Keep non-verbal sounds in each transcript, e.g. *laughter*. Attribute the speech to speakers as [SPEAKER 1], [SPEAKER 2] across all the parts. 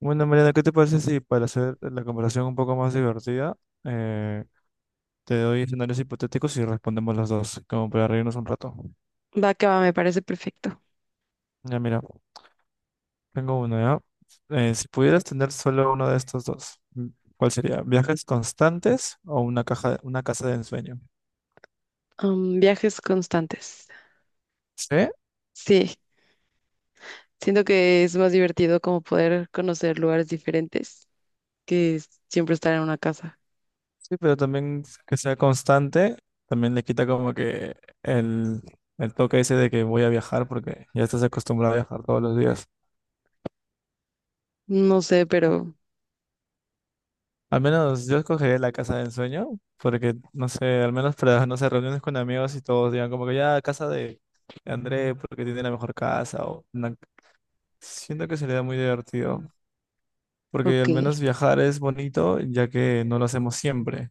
[SPEAKER 1] Bueno, Mariana, ¿qué te parece si para hacer la conversación un poco más divertida, eh, te doy escenarios hipotéticos y respondemos los dos, como para reírnos un rato?
[SPEAKER 2] Va que va, me parece perfecto.
[SPEAKER 1] Ya, mira, tengo uno ya. Si pudieras tener solo uno de estos dos, ¿cuál sería? ¿Viajes constantes o una casa de ensueño?
[SPEAKER 2] Viajes constantes.
[SPEAKER 1] Sí,
[SPEAKER 2] Sí, siento que es más divertido como poder conocer lugares diferentes que siempre estar en una casa.
[SPEAKER 1] sí, pero también que sea constante, también le quita como que el, el toque ese de que voy a viajar porque ya estás acostumbrado a viajar todos los días.
[SPEAKER 2] No sé, pero
[SPEAKER 1] Al menos yo escogería la casa de ensueño, porque no sé, al menos para, no sé, reuniones con amigos y todos digan como que ya de André porque tiene la mejor casa o una- siento que sería muy divertido, porque
[SPEAKER 2] ok.
[SPEAKER 1] al menos viajar es bonito ya que no lo hacemos siempre.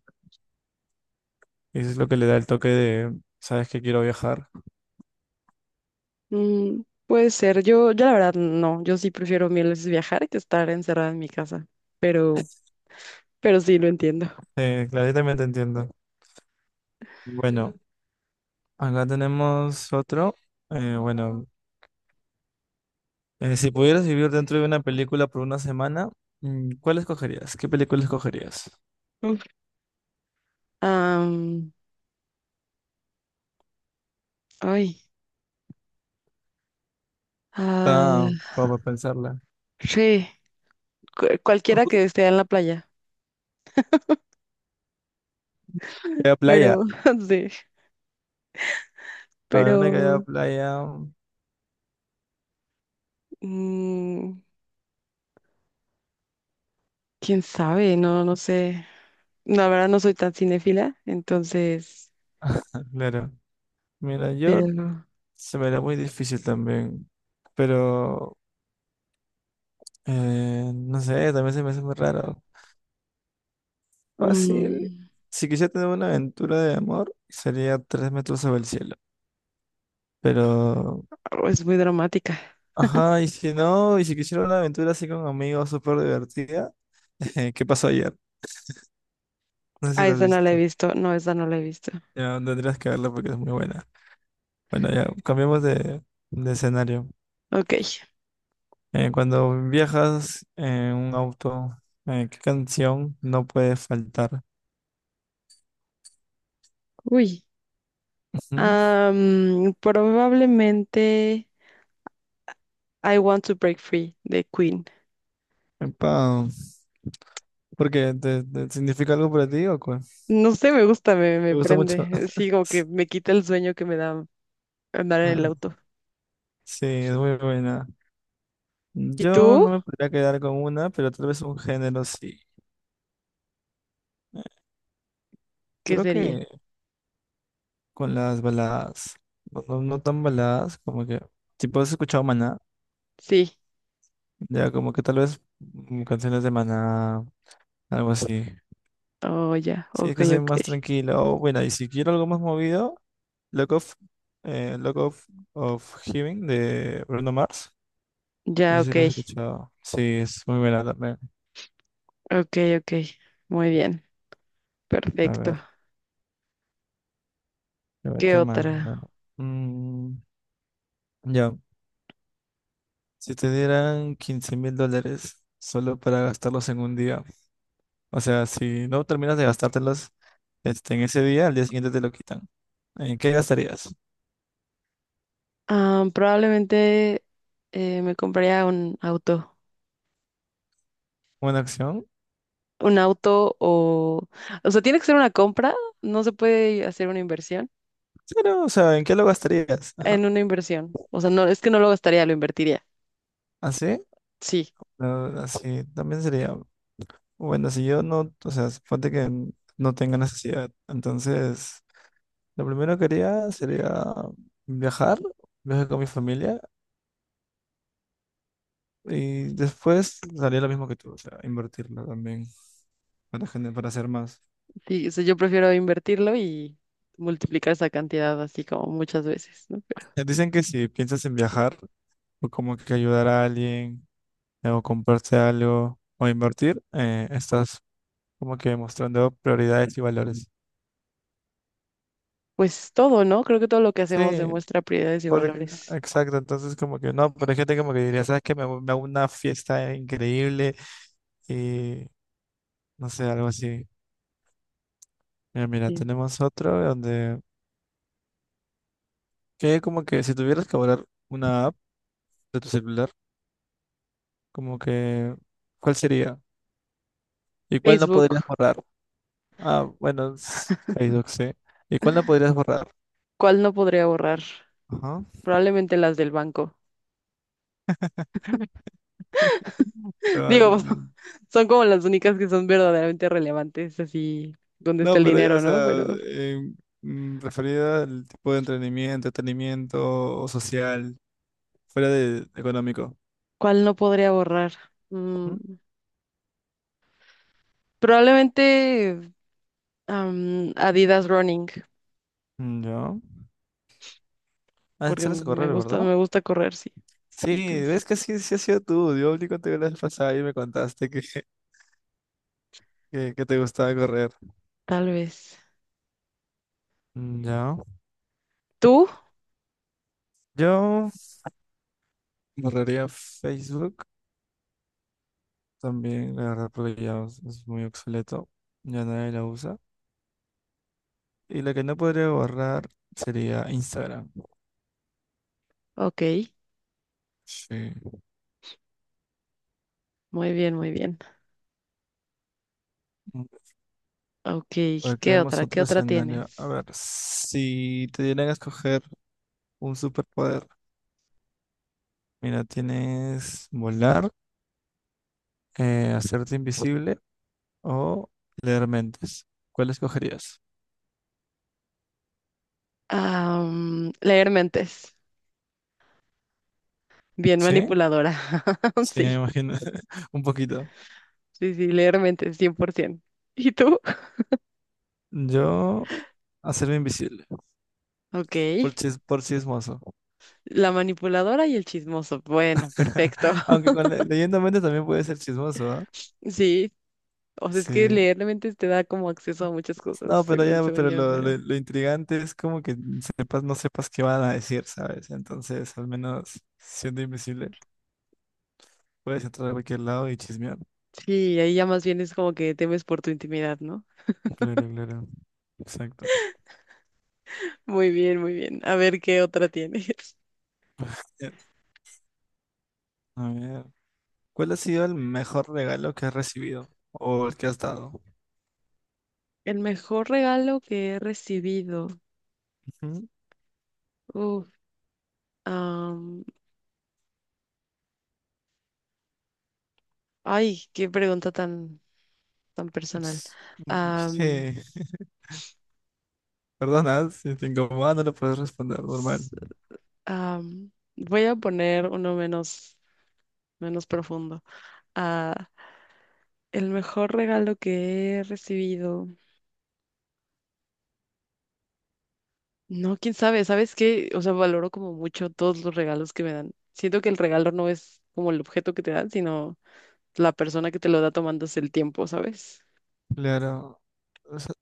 [SPEAKER 1] Y eso es lo que le da el toque de, sabes que quiero viajar.
[SPEAKER 2] Mm, puede ser. Yo la verdad no. Yo sí prefiero mil veces viajar que estar encerrada en mi casa. Pero, pero sí lo entiendo.
[SPEAKER 1] Claro, yo también te entiendo. Bueno, acá tenemos otro. Eh, bueno, si pudieras vivir dentro de una película por una semana, ¿cuál escogerías? ¿Qué película escogerías?
[SPEAKER 2] Uf. Am, Ay.
[SPEAKER 1] Está
[SPEAKER 2] Ah,
[SPEAKER 1] como para pensarla.
[SPEAKER 2] sí, cualquiera que esté en la playa.
[SPEAKER 1] Queda playa.
[SPEAKER 2] Pero, *laughs* sí.
[SPEAKER 1] A ver, una que haya
[SPEAKER 2] Pero.
[SPEAKER 1] playa. Ah,
[SPEAKER 2] mm, Quién sabe, no, no sé. No, la verdad no soy tan cinéfila, entonces,
[SPEAKER 1] claro. Mira, yo
[SPEAKER 2] pero no.
[SPEAKER 1] se me da muy difícil también. Pero no sé, también se me hace muy raro. Fácil.
[SPEAKER 2] mm,
[SPEAKER 1] Si quisiera tener una aventura de amor, sería tres metros sobre el cielo. Pero,
[SPEAKER 2] oh, es muy dramática.
[SPEAKER 1] ajá, y si quisiera una aventura así con amigos súper divertida, *laughs* ¿qué pasó ayer? No sé si
[SPEAKER 2] Ah,
[SPEAKER 1] la has
[SPEAKER 2] esa no la he
[SPEAKER 1] visto.
[SPEAKER 2] visto, no, esa no la he visto.
[SPEAKER 1] Ya tendrías que verla porque es muy buena. Bueno, ya cambiamos de escenario.
[SPEAKER 2] Ok,
[SPEAKER 1] Cuando viajas en un auto, ¿qué canción no puede faltar?
[SPEAKER 2] uy.
[SPEAKER 1] Ujú.
[SPEAKER 2] Probablemente I Want to Break Free de Queen.
[SPEAKER 1] Epa, ¿por qué? ¿Te significa algo para ti o qué?
[SPEAKER 2] No sé, me gusta,
[SPEAKER 1] ¿Te
[SPEAKER 2] me
[SPEAKER 1] gusta mucho?
[SPEAKER 2] prende. Sí, como que
[SPEAKER 1] *laughs*
[SPEAKER 2] me quita el sueño que me da andar en el
[SPEAKER 1] Ah,
[SPEAKER 2] auto.
[SPEAKER 1] sí, es muy buena.
[SPEAKER 2] ¿Y
[SPEAKER 1] Yo
[SPEAKER 2] tú?
[SPEAKER 1] no me podría quedar con una, pero tal vez un género sí. Eh,
[SPEAKER 2] ¿Qué
[SPEAKER 1] Creo
[SPEAKER 2] sería?
[SPEAKER 1] que con las baladas, no tan baladas, como que, tipo, has escuchado Maná,
[SPEAKER 2] Sí.
[SPEAKER 1] ya como que tal vez canciones de Maná, algo así.
[SPEAKER 2] Oh, ya,
[SPEAKER 1] Sí, es
[SPEAKER 2] ok,
[SPEAKER 1] que soy
[SPEAKER 2] ok.
[SPEAKER 1] más tranquilo. O, bueno, y si quiero algo más movido, Lock of, Lock of, of Heaven de Bruno Mars. No
[SPEAKER 2] Ya,
[SPEAKER 1] sé si
[SPEAKER 2] ok,
[SPEAKER 1] lo has escuchado. Sí, es muy buena también.
[SPEAKER 2] ok, ok. Muy bien.
[SPEAKER 1] A
[SPEAKER 2] Perfecto.
[SPEAKER 1] ver, a ver,
[SPEAKER 2] ¿Qué
[SPEAKER 1] ¿qué más?
[SPEAKER 2] otra?
[SPEAKER 1] Bueno, mm, ya, si te dieran $15,000 solo para gastarlos en un día, o sea, si no terminas de gastártelos este, en ese día, al día siguiente te lo quitan. ¿En qué gastarías?
[SPEAKER 2] Ah, probablemente me compraría un auto.
[SPEAKER 1] ¿Una acción?
[SPEAKER 2] Un auto o... O sea, tiene que ser una compra. No se puede hacer una inversión.
[SPEAKER 1] Claro, o sea, ¿en qué lo gastarías? Ajá.
[SPEAKER 2] En una inversión. O sea, no, es que no lo gastaría, lo invertiría.
[SPEAKER 1] ¿Así?
[SPEAKER 2] Sí,
[SPEAKER 1] No, así también sería, bueno, si yo no, o sea, suponte que n- no tenga necesidad, entonces lo primero que haría sería viajar, viajar con mi familia y después haría lo mismo que tú, o sea, invertirlo también para, gener- para hacer más.
[SPEAKER 2] sí, o sea, yo prefiero invertirlo y multiplicar esa cantidad así como muchas veces, ¿no? Pero,
[SPEAKER 1] Dicen que si piensas en viajar o como que ayudar a alguien o comprarse algo o invertir, estás como que mostrando prioridades y valores.
[SPEAKER 2] pues todo, ¿no? Creo que todo lo que hacemos
[SPEAKER 1] Sí,
[SPEAKER 2] demuestra prioridades y
[SPEAKER 1] porque-
[SPEAKER 2] valores.
[SPEAKER 1] exacto, entonces como que no, pero hay gente como que diría, ¿sabes qué? Hago- me hago una fiesta increíble y no sé, algo así. Mira,
[SPEAKER 2] Sí.
[SPEAKER 1] tenemos otro donde, que como que si tuvieras que borrar una app de tu celular, como que, ¿cuál sería? ¿Y cuál no
[SPEAKER 2] Facebook,
[SPEAKER 1] podrías borrar? Ah, bueno, s- Facebook, sí. ¿Y cuál no podrías borrar?
[SPEAKER 2] ¿cuál no podría borrar?
[SPEAKER 1] Ajá.
[SPEAKER 2] Probablemente las del banco. Digo,
[SPEAKER 1] Probablemente.
[SPEAKER 2] *laughs* son como las únicas que son verdaderamente relevantes, así donde está
[SPEAKER 1] No,
[SPEAKER 2] el
[SPEAKER 1] pero ya, o
[SPEAKER 2] dinero, ¿no?
[SPEAKER 1] sea,
[SPEAKER 2] Pero,
[SPEAKER 1] em, referida al tipo de entretenimiento, entretenimiento o social, fuera de económico.
[SPEAKER 2] ¿cuál no podría borrar? Mm, probablemente Adidas Running,
[SPEAKER 1] Mm, ya. Ah,
[SPEAKER 2] porque
[SPEAKER 1] sales a correr, ¿verdad?
[SPEAKER 2] me gusta correr, sí.
[SPEAKER 1] Sí,
[SPEAKER 2] Entonces,
[SPEAKER 1] ves que sí, sí ha sido tú. Yo hablé contigo la vez pasada y me contaste que, *laughs* que te gustaba correr.
[SPEAKER 2] tal vez.
[SPEAKER 1] Mm, ya.
[SPEAKER 2] ¿Tú?
[SPEAKER 1] Yo borraría Facebook también, la verdad, porque ya es muy obsoleto. Ya nadie la usa. Y la que no podría borrar sería Instagram.
[SPEAKER 2] Ok,
[SPEAKER 1] Sí.
[SPEAKER 2] muy bien, muy bien.
[SPEAKER 1] Mm,
[SPEAKER 2] Ok,
[SPEAKER 1] a ver,
[SPEAKER 2] ¿qué
[SPEAKER 1] creemos
[SPEAKER 2] otra? ¿Qué
[SPEAKER 1] otro
[SPEAKER 2] otra
[SPEAKER 1] escenario. A
[SPEAKER 2] tienes?
[SPEAKER 1] ver, si te dieran a escoger un superpoder. Mira, tienes volar, hacerte invisible o ¿leer mentes? ¿Cuál escogerías?
[SPEAKER 2] Leer mentes. Bien
[SPEAKER 1] ¿Sí?
[SPEAKER 2] manipuladora. *laughs*
[SPEAKER 1] Sí, me
[SPEAKER 2] Sí,
[SPEAKER 1] imagino. *laughs* Un poquito.
[SPEAKER 2] sí, sí, leer mentes, 100%. ¿Y tú?
[SPEAKER 1] Yo hacerme invisible
[SPEAKER 2] Ok.
[SPEAKER 1] por, chis- por chismoso.
[SPEAKER 2] La manipuladora y el chismoso. Bueno, perfecto.
[SPEAKER 1] *laughs*
[SPEAKER 2] *laughs*
[SPEAKER 1] Aunque con le- leyendo mentes también puede ser chismoso, ¿ah?
[SPEAKER 2] Sí, o sea, es que
[SPEAKER 1] Sí.
[SPEAKER 2] leer la mente te da como acceso a muchas cosas,
[SPEAKER 1] No, pero
[SPEAKER 2] según,
[SPEAKER 1] ya,
[SPEAKER 2] según
[SPEAKER 1] pero
[SPEAKER 2] yo, pero
[SPEAKER 1] lo intrigante es como que sepas, no sepas qué van a decir, ¿sabes? Entonces, al menos siendo invisible, puedes entrar a cualquier lado y chismear.
[SPEAKER 2] sí, ahí ya más bien es como que temes por tu intimidad, ¿no?
[SPEAKER 1] Claro, claro. Exacto.
[SPEAKER 2] Muy bien, muy bien. A ver qué otra tienes.
[SPEAKER 1] Bien. A ver. ¿Cuál ha sido el mejor regalo que has recibido o el que has dado?
[SPEAKER 2] *laughs* El mejor regalo que he recibido.
[SPEAKER 1] Ujú.
[SPEAKER 2] Uf, am, ay, qué pregunta tan, tan personal.
[SPEAKER 1] Ps-
[SPEAKER 2] Am,
[SPEAKER 1] Sí, *laughs* perdona, si te incomoda no lo puedes responder normal.
[SPEAKER 2] s- am, Voy a poner uno menos. Menos profundo. Ah, el mejor regalo que he recibido. No, quién sabe, ¿sabes qué? O sea, valoro como mucho todos los regalos que me dan. Siento que el regalo no es como el objeto que te dan, sino la persona que te lo da tomándose el tiempo, ¿sabes?
[SPEAKER 1] Claro. O sea,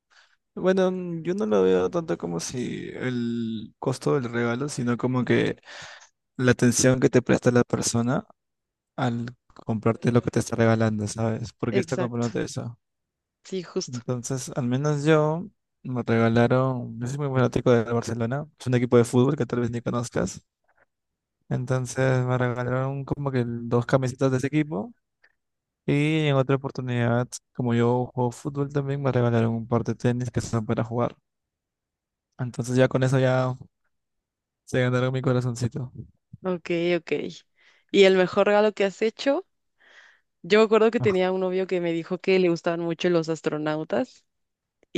[SPEAKER 1] bueno, yo no lo veo tanto como si el costo del regalo, sino como que la atención que te presta la persona al comprarte lo que te está regalando, ¿sabes? ¿Por qué está
[SPEAKER 2] Exacto.
[SPEAKER 1] comprándote eso?
[SPEAKER 2] Sí, justo.
[SPEAKER 1] Entonces, al menos yo me regalaron, yo soy muy fanático de Barcelona, es un equipo de fútbol que tal vez ni conozcas. Entonces me regalaron como que dos camisetas de ese equipo y en otra oportunidad, como yo juego fútbol también, me regalaron un par de tenis que son para jugar. Entonces ya con eso ya se ganaron mi corazoncito.
[SPEAKER 2] Ok, ok. ¿Y el mejor regalo que has hecho? Yo me acuerdo que tenía
[SPEAKER 1] *laughs*
[SPEAKER 2] un novio que me dijo que le gustaban mucho los astronautas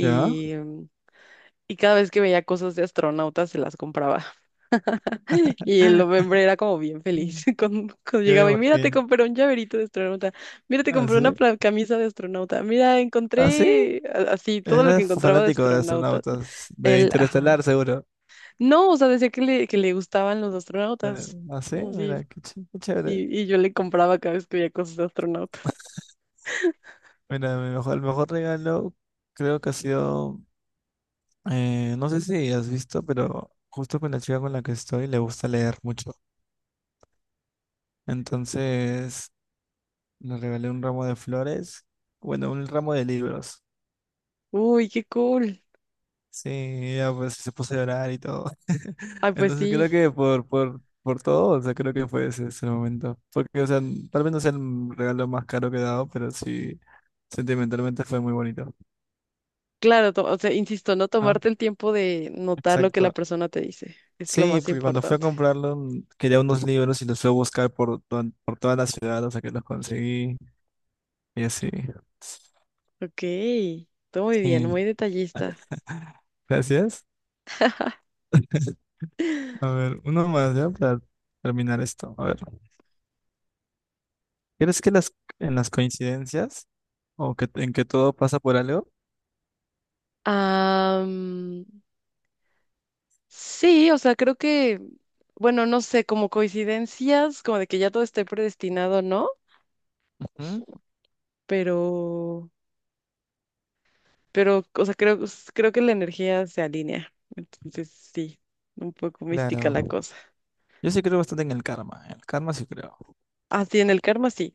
[SPEAKER 1] ¿Ya?
[SPEAKER 2] y cada vez que veía cosas de astronautas se las compraba. *laughs* Y el hombre era como bien feliz
[SPEAKER 1] Mm.
[SPEAKER 2] *laughs* cuando
[SPEAKER 1] Yo me
[SPEAKER 2] llegaba y mira, te
[SPEAKER 1] imagino.
[SPEAKER 2] compré un llaverito de astronauta, mira, te compré una
[SPEAKER 1] Así.
[SPEAKER 2] camisa de astronauta, mira,
[SPEAKER 1] Así.
[SPEAKER 2] así todo lo
[SPEAKER 1] Era
[SPEAKER 2] que encontraba de
[SPEAKER 1] fanático de
[SPEAKER 2] astronauta.
[SPEAKER 1] astronautas, de
[SPEAKER 2] Él, ajá.
[SPEAKER 1] Interestelar seguro.
[SPEAKER 2] No, o sea, decía que le gustaban los astronautas.
[SPEAKER 1] Así, mira, qué chévere.
[SPEAKER 2] Y yo le compraba cada vez que veía cosas de astronautas.
[SPEAKER 1] Mira, el mejor regalo creo que ha sido no sé si has visto, pero justo con la chica con la que estoy le gusta leer mucho. Entonces le regalé un ramo de flores, bueno, un ramo de libros.
[SPEAKER 2] Uy, qué cool.
[SPEAKER 1] Sí, ella pues se puso a llorar y todo.
[SPEAKER 2] Ay,
[SPEAKER 1] *laughs*
[SPEAKER 2] pues
[SPEAKER 1] Entonces
[SPEAKER 2] sí.
[SPEAKER 1] creo que por todo, o sea, creo que fue ese momento. Porque, o sea, tal vez no sea el regalo más caro que he dado, pero sí, sentimentalmente fue muy bonito.
[SPEAKER 2] Claro, o sea, insisto, no
[SPEAKER 1] Ajá,
[SPEAKER 2] tomarte el tiempo de notar lo que la
[SPEAKER 1] exacto.
[SPEAKER 2] persona te dice. Es lo
[SPEAKER 1] Sí,
[SPEAKER 2] más
[SPEAKER 1] porque cuando fui a
[SPEAKER 2] importante.
[SPEAKER 1] comprarlo quería unos libros y los fui a buscar por toda la ciudad hasta que los conseguí y así.
[SPEAKER 2] Ok, todo muy bien,
[SPEAKER 1] Sí.
[SPEAKER 2] muy detallista.
[SPEAKER 1] *laughs* Gracias. A ver, uno más ya para terminar esto. A ver, ¿crees que las en las coincidencias o que en que todo pasa por algo?
[SPEAKER 2] Am, sí, o sea, bueno, no sé, como coincidencias, como de que ya todo esté predestinado, ¿no?
[SPEAKER 1] Ujú,
[SPEAKER 2] Pero, pero, o sea, creo que la energía se alinea. Entonces, sí, un poco mística la
[SPEAKER 1] claro.
[SPEAKER 2] cosa.
[SPEAKER 1] Yo sí creo bastante en el karma. En el karma sí creo.
[SPEAKER 2] Así en el karma sí,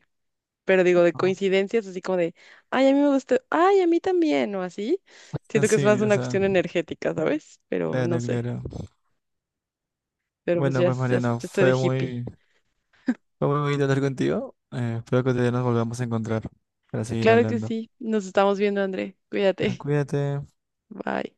[SPEAKER 2] pero digo de
[SPEAKER 1] ¿No?
[SPEAKER 2] coincidencias, así como de, ay, a mí me gustó ay, a mí también, o así.
[SPEAKER 1] Ah,
[SPEAKER 2] Siento que es más
[SPEAKER 1] sí, o
[SPEAKER 2] una
[SPEAKER 1] sea,
[SPEAKER 2] cuestión energética, ¿sabes? Pero no
[SPEAKER 1] claro,
[SPEAKER 2] sé,
[SPEAKER 1] claro.
[SPEAKER 2] pero pues
[SPEAKER 1] Bueno,
[SPEAKER 2] ya,
[SPEAKER 1] pues
[SPEAKER 2] ya
[SPEAKER 1] Mariano,
[SPEAKER 2] estoy de hippie.
[SPEAKER 1] fue muy bonito hablar contigo. Espero que te nos volvamos a encontrar para seguir
[SPEAKER 2] Claro que
[SPEAKER 1] hablando.
[SPEAKER 2] sí, nos estamos viendo, André.
[SPEAKER 1] Ah,
[SPEAKER 2] Cuídate,
[SPEAKER 1] cuídate.
[SPEAKER 2] *laughs* bye.